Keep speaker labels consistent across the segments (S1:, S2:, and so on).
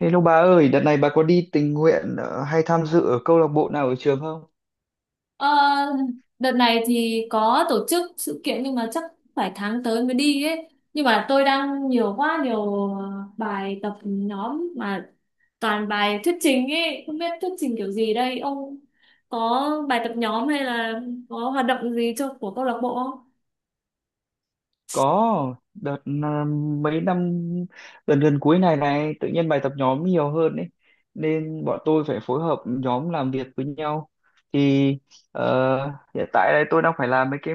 S1: Hello bà ơi, đợt này bà có đi tình nguyện hay tham dự ở câu lạc bộ nào ở trường không?
S2: Ờ, đợt này thì có tổ chức sự kiện nhưng mà chắc phải tháng tới mới đi ấy. Nhưng mà tôi đang nhiều quá nhiều bài tập nhóm mà toàn bài thuyết trình ấy, không biết thuyết trình kiểu gì đây. Ông có bài tập nhóm hay là có hoạt động gì cho của câu lạc bộ không?
S1: Có đợt à, mấy năm gần gần cuối này này tự nhiên bài tập nhóm nhiều hơn ấy nên bọn tôi phải phối hợp nhóm làm việc với nhau thì ờ, hiện tại đây tôi đang phải làm mấy cái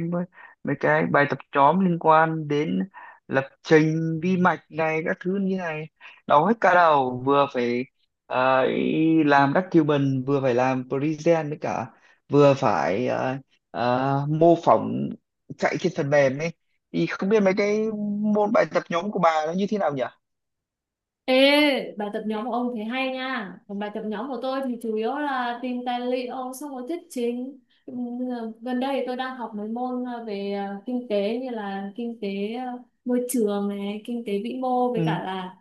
S1: mấy cái bài tập nhóm liên quan đến lập trình vi mạch này các thứ như này, đau hết cả đầu, vừa phải ờ, ý làm document, vừa phải làm present với cả vừa phải mô phỏng chạy trên phần mềm ấy, thì không biết mấy cái môn bài tập nhóm của bà nó như thế nào nhỉ.
S2: Ê, bài tập nhóm của ông thấy hay nha. Còn bài tập nhóm của tôi thì chủ yếu là tìm tài liệu xong rồi thuyết trình. Ừm, Gần đây thì tôi đang học mấy môn về kinh tế như là kinh tế môi trường này, kinh tế vĩ mô với
S1: Ừ,
S2: cả là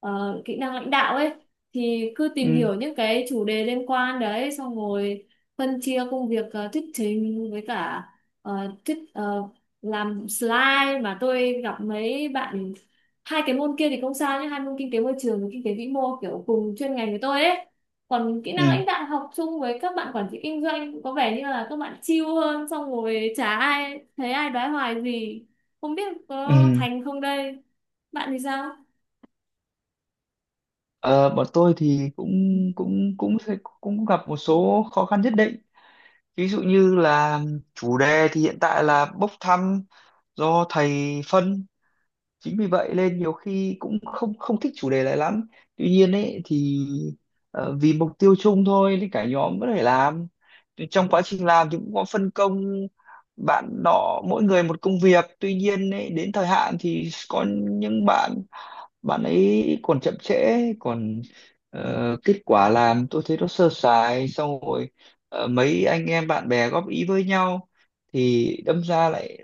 S2: kỹ năng lãnh đạo ấy. Thì cứ tìm
S1: ừ,
S2: hiểu những cái chủ đề liên quan đấy xong rồi phân chia công việc thuyết trình với cả ờ, thuyết ờ, làm slide mà tôi gặp mấy bạn. Hai cái môn kia thì không sao nhé, hai môn kinh tế môi trường và kinh tế vĩ mô kiểu cùng chuyên ngành với tôi ấy, còn kỹ năng
S1: ừ,
S2: lãnh đạo học chung với các bạn quản trị kinh doanh cũng có vẻ như là các bạn chill hơn, xong rồi chả ai thấy ai đoái hoài gì, không biết có
S1: ừ.
S2: thành không đây. Bạn thì sao?
S1: Ờ, bọn tôi thì cũng cũng cũng sẽ- cũng gặp một số khó khăn nhất định, ví dụ như là chủ đề thì hiện tại là bốc thăm do thầy phân, chính vì vậy nên nhiều khi cũng không không thích chủ đề này lắm. Tuy nhiên ấy thì vì mục tiêu chung thôi thì cả nhóm vẫn phải làm. Thì trong quá trình làm thì cũng có phân công bạn nọ, mỗi người một công việc, tuy nhiên ấy, đến thời hạn thì có những bạn, bạn ấy còn chậm trễ, còn kết quả làm tôi thấy nó sơ sài, xong rồi mấy anh em bạn bè góp ý với nhau thì đâm ra lại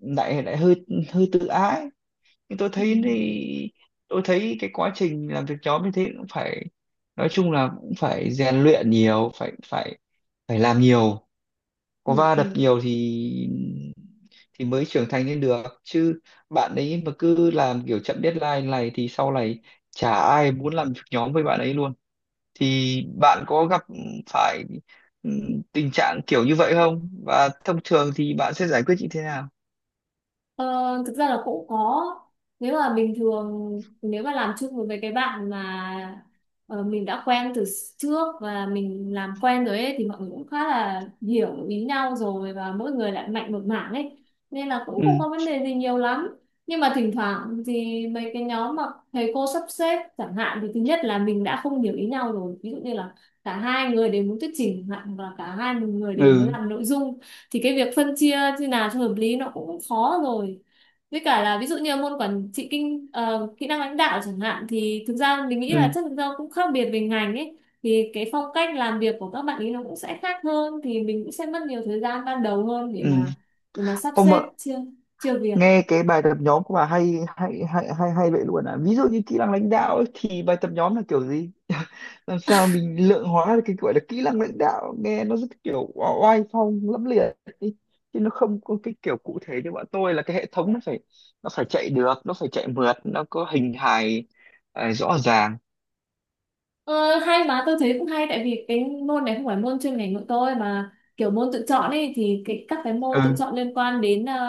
S1: lại lại hơi hơi tự ái. Nhưng tôi
S2: Ừ,
S1: thấy thì tôi thấy cái quá trình làm việc nhóm như thế cũng phải, nói chung là cũng phải rèn luyện nhiều, phải phải phải làm nhiều, có
S2: ừ,
S1: va
S2: ừ.
S1: đập nhiều thì mới trưởng thành lên được chứ. Bạn ấy mà cứ làm kiểu chậm deadline này thì sau này chả ai muốn làm việc nhóm với bạn ấy luôn. Thì bạn có gặp phải ừ, tình trạng kiểu như vậy không, và thông thường thì bạn sẽ giải quyết như thế nào?
S2: Ờ, thực ra là cũng có. Nếu mà bình thường nếu mà làm chung với mấy cái bạn mà mình đã quen từ trước và mình làm quen rồi ấy thì mọi người cũng khá là hiểu ý nhau rồi, và mỗi người lại mạnh một mảng ấy nên là cũng không
S1: Ừ,
S2: có vấn đề gì nhiều lắm. Nhưng mà thỉnh thoảng thì mấy cái nhóm mà thầy cô sắp xếp chẳng hạn thì thứ nhất là mình đã không hiểu ý nhau rồi, ví dụ như là cả hai người đều muốn thuyết trình chẳng hạn, hoặc là cả hai người đều muốn
S1: ừ,
S2: làm nội dung, thì cái việc phân chia như nào cho hợp lý nó cũng khó rồi. Với cả là ví dụ như môn quản trị kỹ năng lãnh đạo chẳng hạn thì thực ra mình nghĩ là
S1: ừ,
S2: chắc thực ra cũng khác biệt về ngành ấy, thì cái phong cách làm việc của các bạn ấy nó cũng sẽ khác hơn, thì mình cũng sẽ mất nhiều thời gian ban đầu hơn để
S1: ừ.
S2: mà, để mà sắp
S1: Không mà,
S2: xếp chia, chia việc.
S1: nghe cái bài tập nhóm của bà hay hay hay hay hay vậy luôn à, ví dụ như kỹ năng lãnh đạo ấy, thì bài tập nhóm là kiểu gì làm sao mình lượng hóa được cái gọi là kỹ năng lãnh đạo, nghe nó rất kiểu oai phong lẫm liệt ý. Chứ nó không có cái kiểu cụ thể như bọn tôi là cái hệ thống nó phải, chạy được, nó phải chạy mượt, nó có hình hài rõ ràng.
S2: Ờ, hay mà tôi thấy cũng hay, tại vì cái môn này không phải môn chuyên ngành của tôi mà kiểu môn tự chọn ấy, thì cái các cái môn
S1: Ừ,
S2: tự chọn liên quan đến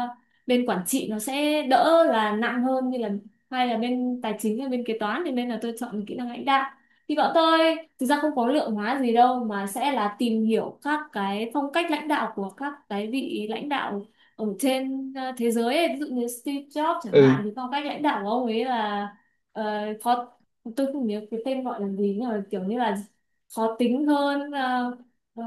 S2: bên quản trị nó sẽ đỡ là nặng hơn, như là hay là bên tài chính hay bên kế toán, thì nên là tôi chọn kỹ năng lãnh đạo. Thì bọn tôi thực ra không có lượng hóa gì đâu, mà sẽ là tìm hiểu các cái phong cách lãnh đạo của các cái vị lãnh đạo ở trên thế giới ấy. Ví dụ như Steve Jobs chẳng hạn,
S1: ừ,
S2: thì phong cách lãnh đạo của ông ấy là uh, tôi không nhớ cái tên gọi là gì, nhưng mà kiểu như là khó tính hơn ờ,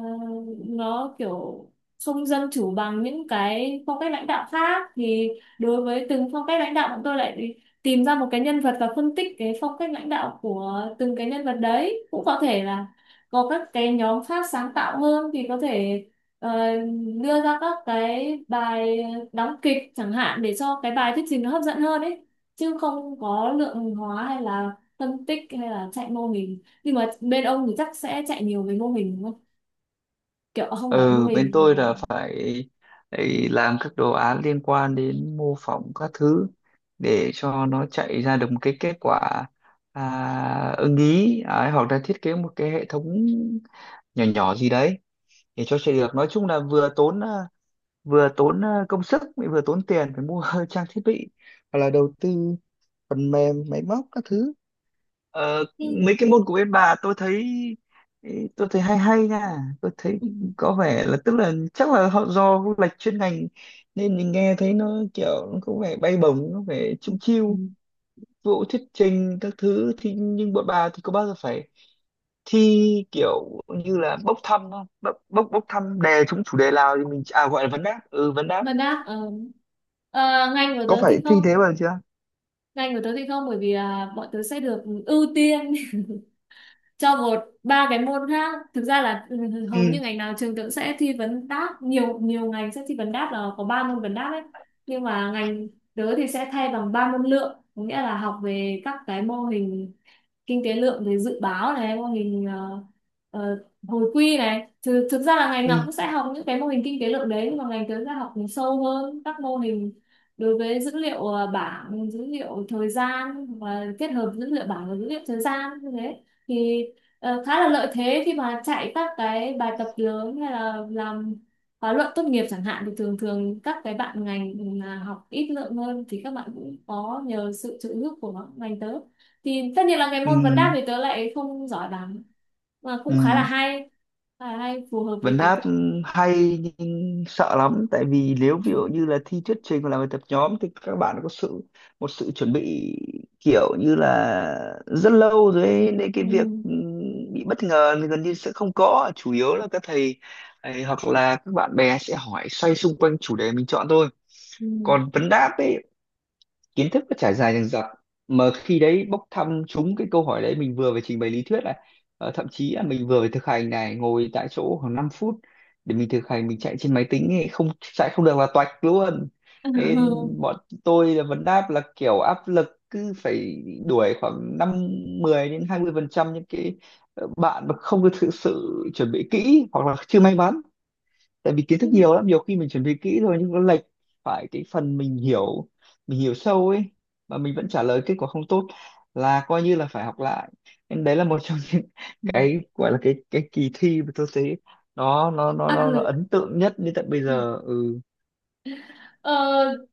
S2: nó kiểu không dân chủ bằng những cái phong cách lãnh đạo khác. Thì đối với từng phong cách lãnh đạo, bọn tôi lại tìm ra một cái nhân vật và phân tích cái phong cách lãnh đạo của từng cái nhân vật đấy. Cũng có thể là có các cái nhóm khác sáng tạo hơn thì có thể ờ, đưa ra các cái bài đóng kịch chẳng hạn để cho cái bài thuyết trình nó hấp dẫn hơn ấy, chứ không có lượng hóa hay là phân tích hay là chạy mô hình. Nhưng mà bên ông thì chắc sẽ chạy nhiều về mô hình đúng không? Kiểu không
S1: ừ.
S2: phải mô
S1: Bên
S2: hình
S1: tôi là
S2: mà.
S1: phải ấy, làm các đồ án liên quan đến mô phỏng các thứ để cho nó chạy ra được một cái kết quả ưng ý, đấy, hoặc là thiết kế một cái hệ thống nhỏ nhỏ gì đấy để cho chạy được, nói chung là vừa tốn công sức, lại vừa tốn tiền phải mua trang thiết bị, hoặc là đầu tư phần mềm máy móc các thứ. Ờ,
S2: Ừ.
S1: mấy cái môn của bên bà tôi thấy, hay hay nha. Tôi thấy
S2: Ừ.
S1: có vẻ là tức là chắc là họ do lệch chuyên ngành nên mình nghe thấy nó kiểu, nó có vẻ bay bổng, nó vẻ chung
S2: Ừ.
S1: chiêu vụ thuyết trình các thứ thì, nhưng bọn bà thì có bao giờ phải thi kiểu như là bốc thăm không, bốc bốc, bốc thăm đề chủ đề nào thì mình gọi là vấn đáp, vấn đáp,
S2: Mà đáp ngành của
S1: có
S2: tớ
S1: phải
S2: thì không,
S1: thi thế bao giờ chưa?
S2: ngành của tớ thì không, bởi vì là bọn tớ sẽ được ưu tiên cho một ba cái môn khác. Thực ra là ừ, hầu
S1: Ừ,
S2: như ngành nào trường tớ cũng sẽ thi vấn đáp nhiều, nhiều ngành sẽ thi vấn đáp là có ba môn vấn đáp ấy, nhưng mà ngành tớ thì sẽ thay bằng ba môn lượng, có nghĩa là học về các cái mô hình kinh tế lượng, về dự báo này, mô hình hồi quy này. Thực ra là ngành nào
S1: ừ,
S2: cũng sẽ học những cái mô hình kinh tế lượng đấy, nhưng mà ngành tớ sẽ học sâu hơn các mô hình đối với dữ liệu bảng, dữ liệu thời gian và kết hợp dữ liệu bảng và dữ liệu thời gian như thế, thì khá là lợi thế khi mà chạy các cái bài tập lớn hay là làm khóa luận tốt nghiệp chẳng hạn. Thì thường thường các cái bạn ngành mà học ít lượng hơn thì các bạn cũng có nhờ sự trợ giúp của ngành tớ. Thì tất nhiên là cái môn vấn đáp
S1: ừ,
S2: thì tớ lại không giỏi lắm, mà
S1: ừ.
S2: cũng khá là hay, khá là hay, phù hợp với
S1: Vấn
S2: cái.
S1: hát, hay nhưng sợ lắm, tại vì nếu ví dụ như là thi thuyết trình hoặc là bài tập nhóm thì các bạn có một sự chuẩn bị kiểu như là rất lâu rồi ấy, nên cái
S2: Ừ.
S1: việc bị bất ngờ thì gần như sẽ không có, chủ yếu là các thầy ấy, hoặc là các bạn bè sẽ hỏi xoay xung quanh chủ đề mình chọn thôi.
S2: Ừ.
S1: Còn vấn đáp ấy, kiến thức nó trải dài dằng dặc, mà khi đấy bốc thăm trúng cái câu hỏi đấy mình vừa phải trình bày lý thuyết này, thậm chí là mình vừa phải thực hành này, ngồi tại chỗ khoảng 5 phút để mình thực hành, mình chạy trên máy tính ấy, không chạy không được là toạch luôn. Nên bọn tôi là vấn đáp là kiểu áp lực, cứ phải đuổi khoảng 5 10 đến 20% những cái bạn mà không được thực sự chuẩn bị kỹ hoặc là chưa may mắn. Tại vì kiến thức nhiều lắm, nhiều khi mình chuẩn bị kỹ rồi nhưng nó lệch phải cái phần mình hiểu sâu ấy, mà mình vẫn trả lời kết quả không tốt là coi như là phải học lại. Nên đấy là một trong những cái gọi là cái kỳ thi mà tôi thấy
S2: Áp
S1: nó
S2: lực.
S1: ấn tượng nhất đến tận bây giờ. Ừ,
S2: Ờ,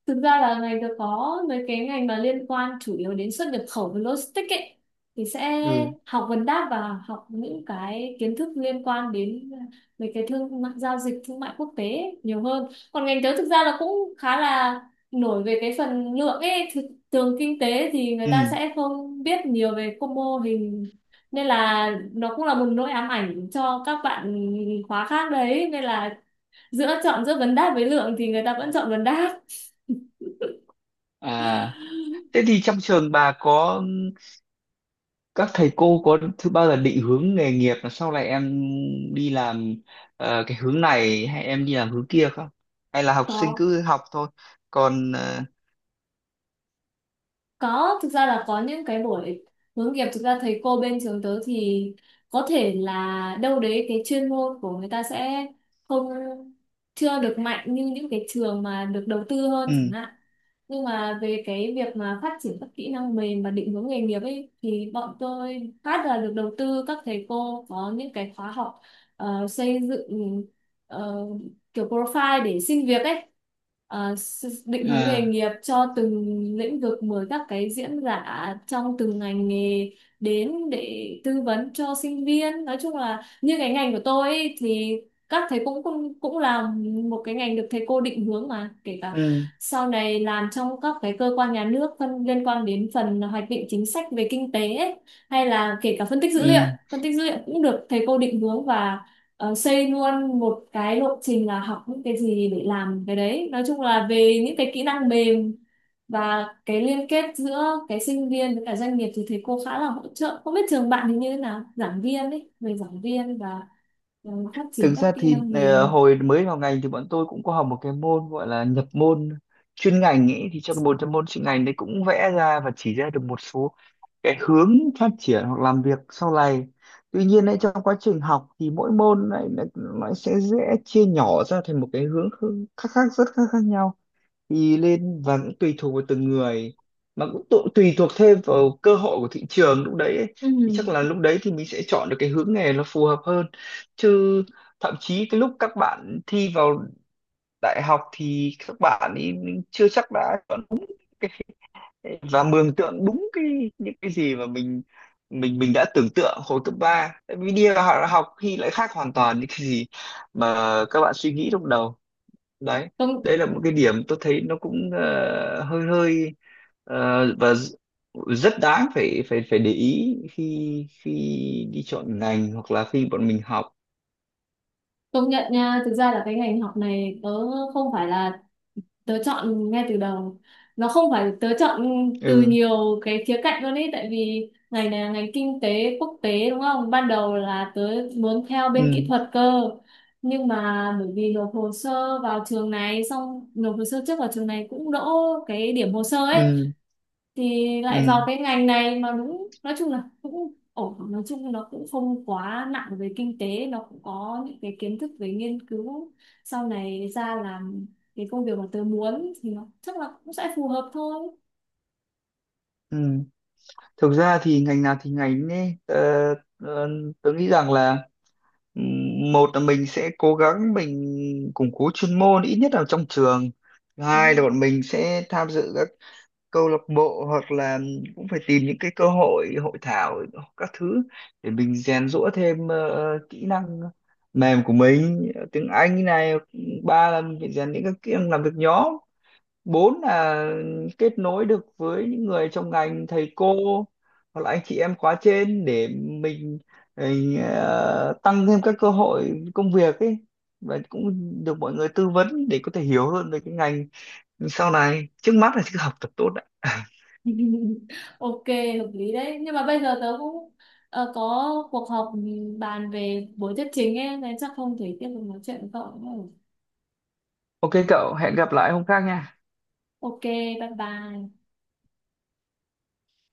S2: thực ra là ngành được có mấy cái ngành mà liên quan chủ yếu đến xuất nhập khẩu và logistics ấy thì sẽ
S1: ừ,
S2: học vấn đáp và học những cái kiến thức liên quan đến mấy cái thương mại, giao dịch thương mại quốc tế ấy, nhiều hơn. Còn ngành tớ thực ra là cũng khá là nổi về cái phần lượng ấy. Thường kinh tế thì người ta
S1: ừ.
S2: sẽ không biết nhiều về các mô hình, nên là nó cũng là một nỗi ám ảnh cho các bạn khóa khác đấy, nên là giữa chọn giữa vấn đáp với lượng thì người ta vẫn chọn vấn đáp.
S1: À, thế thì trong trường bà, có các thầy cô có bao giờ định hướng nghề nghiệp là sau này em đi làm cái hướng này, hay em đi làm hướng kia không, hay là học sinh
S2: có
S1: cứ học thôi? Còn
S2: có, thực ra là có những cái buổi hướng nghiệp. Thực ra thầy cô bên trường tớ thì có thể là đâu đấy cái chuyên môn của người ta sẽ không chưa được mạnh như những cái trường mà được đầu tư hơn chẳng
S1: ừ,
S2: hạn, nhưng mà về cái việc mà phát triển các kỹ năng mềm và định hướng nghề nghiệp ấy thì bọn tôi phát là được đầu tư. Các thầy cô có những cái khóa học xây dựng ờ, kiểu profile để xin việc ấy. Ờ, định hướng nghề
S1: ờ,
S2: nghiệp cho từng lĩnh vực, mời các cái diễn giả trong từng ngành nghề đến để tư vấn cho sinh viên. Nói chung là như cái ngành của tôi ấy, thì các thầy cũng cũng cũng là một cái ngành được thầy cô định hướng, mà kể cả
S1: ừ,
S2: sau này làm trong các cái cơ quan nhà nước phân liên quan đến phần hoạch định chính sách về kinh tế ấy, hay là kể cả phân tích dữ liệu,
S1: ừ.
S2: phân tích dữ liệu cũng được thầy cô định hướng và xây luôn một cái lộ trình là học những cái gì để làm cái đấy. Nói chung là về những cái kỹ năng mềm và cái liên kết giữa cái sinh viên với cả doanh nghiệp thì thầy cô khá là hỗ trợ. Không biết trường bạn thì như thế nào, giảng viên ấy, về giảng viên và phát triển
S1: Thực
S2: các
S1: ra
S2: kỹ
S1: thì
S2: năng mềm?
S1: hồi mới vào ngành thì bọn tôi cũng có học một cái môn gọi là nhập môn chuyên ngành ấy, thì trong một trong môn chuyên ngành đấy cũng vẽ ra và chỉ ra được một số cái hướng phát triển hoặc làm việc sau này. Tuy nhiên ấy, trong quá trình học thì mỗi môn này nó sẽ dễ chia nhỏ ra thành một cái hướng khác khác rất khác khác nhau thì lên, và cũng tùy thuộc vào từng người, mà cũng tùy thuộc thêm vào cơ hội của thị trường lúc đấy ấy.
S2: Ừ.
S1: Thì chắc là lúc đấy thì mình sẽ chọn được cái hướng nghề nó phù hợp hơn, chứ thậm chí cái lúc các bạn thi vào đại học thì các bạn ấy chưa chắc đã chọn và mường tượng đúng cái những cái gì mà mình đã tưởng tượng hồi cấp ba, tại vì đi vào học, học khi lại khác hoàn toàn những cái gì mà các bạn suy nghĩ lúc đầu đấy.
S2: công
S1: Đấy là một cái điểm tôi thấy nó cũng hơi hơi ờ, và d- rất đáng phải phải phải để ý khi khi đi chọn ngành hoặc là khi bọn mình học.
S2: Công nhận nha, thực ra là cái ngành học này tớ không phải là tớ chọn ngay từ đầu, nó không phải tớ chọn từ
S1: Ừ,
S2: nhiều cái khía cạnh luôn ấy, tại vì ngành này là ngành kinh tế quốc tế đúng không, ban đầu là tớ muốn theo bên kỹ
S1: ừ,
S2: thuật cơ. Nhưng mà bởi vì nộp hồ sơ vào trường này, xong nộp hồ sơ trước vào trường này cũng đỗ, cái điểm hồ sơ ấy,
S1: ừ,
S2: thì
S1: ừ,
S2: lại vào cái ngành này. Mà đúng nói chung là cũng ổn, nói chung nó cũng không quá nặng về kinh tế, nó cũng có những cái kiến thức về nghiên cứu. Sau này ra làm cái công việc mà tớ muốn thì nó chắc là cũng sẽ phù hợp thôi.
S1: ừ. Thực ra thì ngành nào thì ngành ấy, tôi nghĩ rằng là, một là mình sẽ cố gắng mình củng cố chuyên môn ít nhất là trong trường. Thứ
S2: Ừ.
S1: hai là bọn mình sẽ tham dự các câu lạc bộ, hoặc là cũng phải tìm những cái cơ hội hội thảo các thứ để mình rèn giũa thêm kỹ năng mềm của mình, tiếng Anh này. Ba là mình phải rèn những cái kỹ năng làm việc nhóm. Bốn là kết nối được với những người trong ngành, thầy cô hoặc là anh chị em khóa trên để mình tăng thêm các cơ hội công việc ấy, và cũng được mọi người tư vấn để có thể hiểu hơn về cái ngành sau này. Trước mắt là cứ học tập tốt đã.
S2: OK, hợp lý đấy, nhưng mà bây giờ tớ cũng có cuộc họp bàn về buổi thuyết trình ấy, nên chắc không thể tiếp tục nói chuyện với cậu nữa.
S1: Ok cậu, hẹn gặp lại hôm khác nha.
S2: OK, bye bye.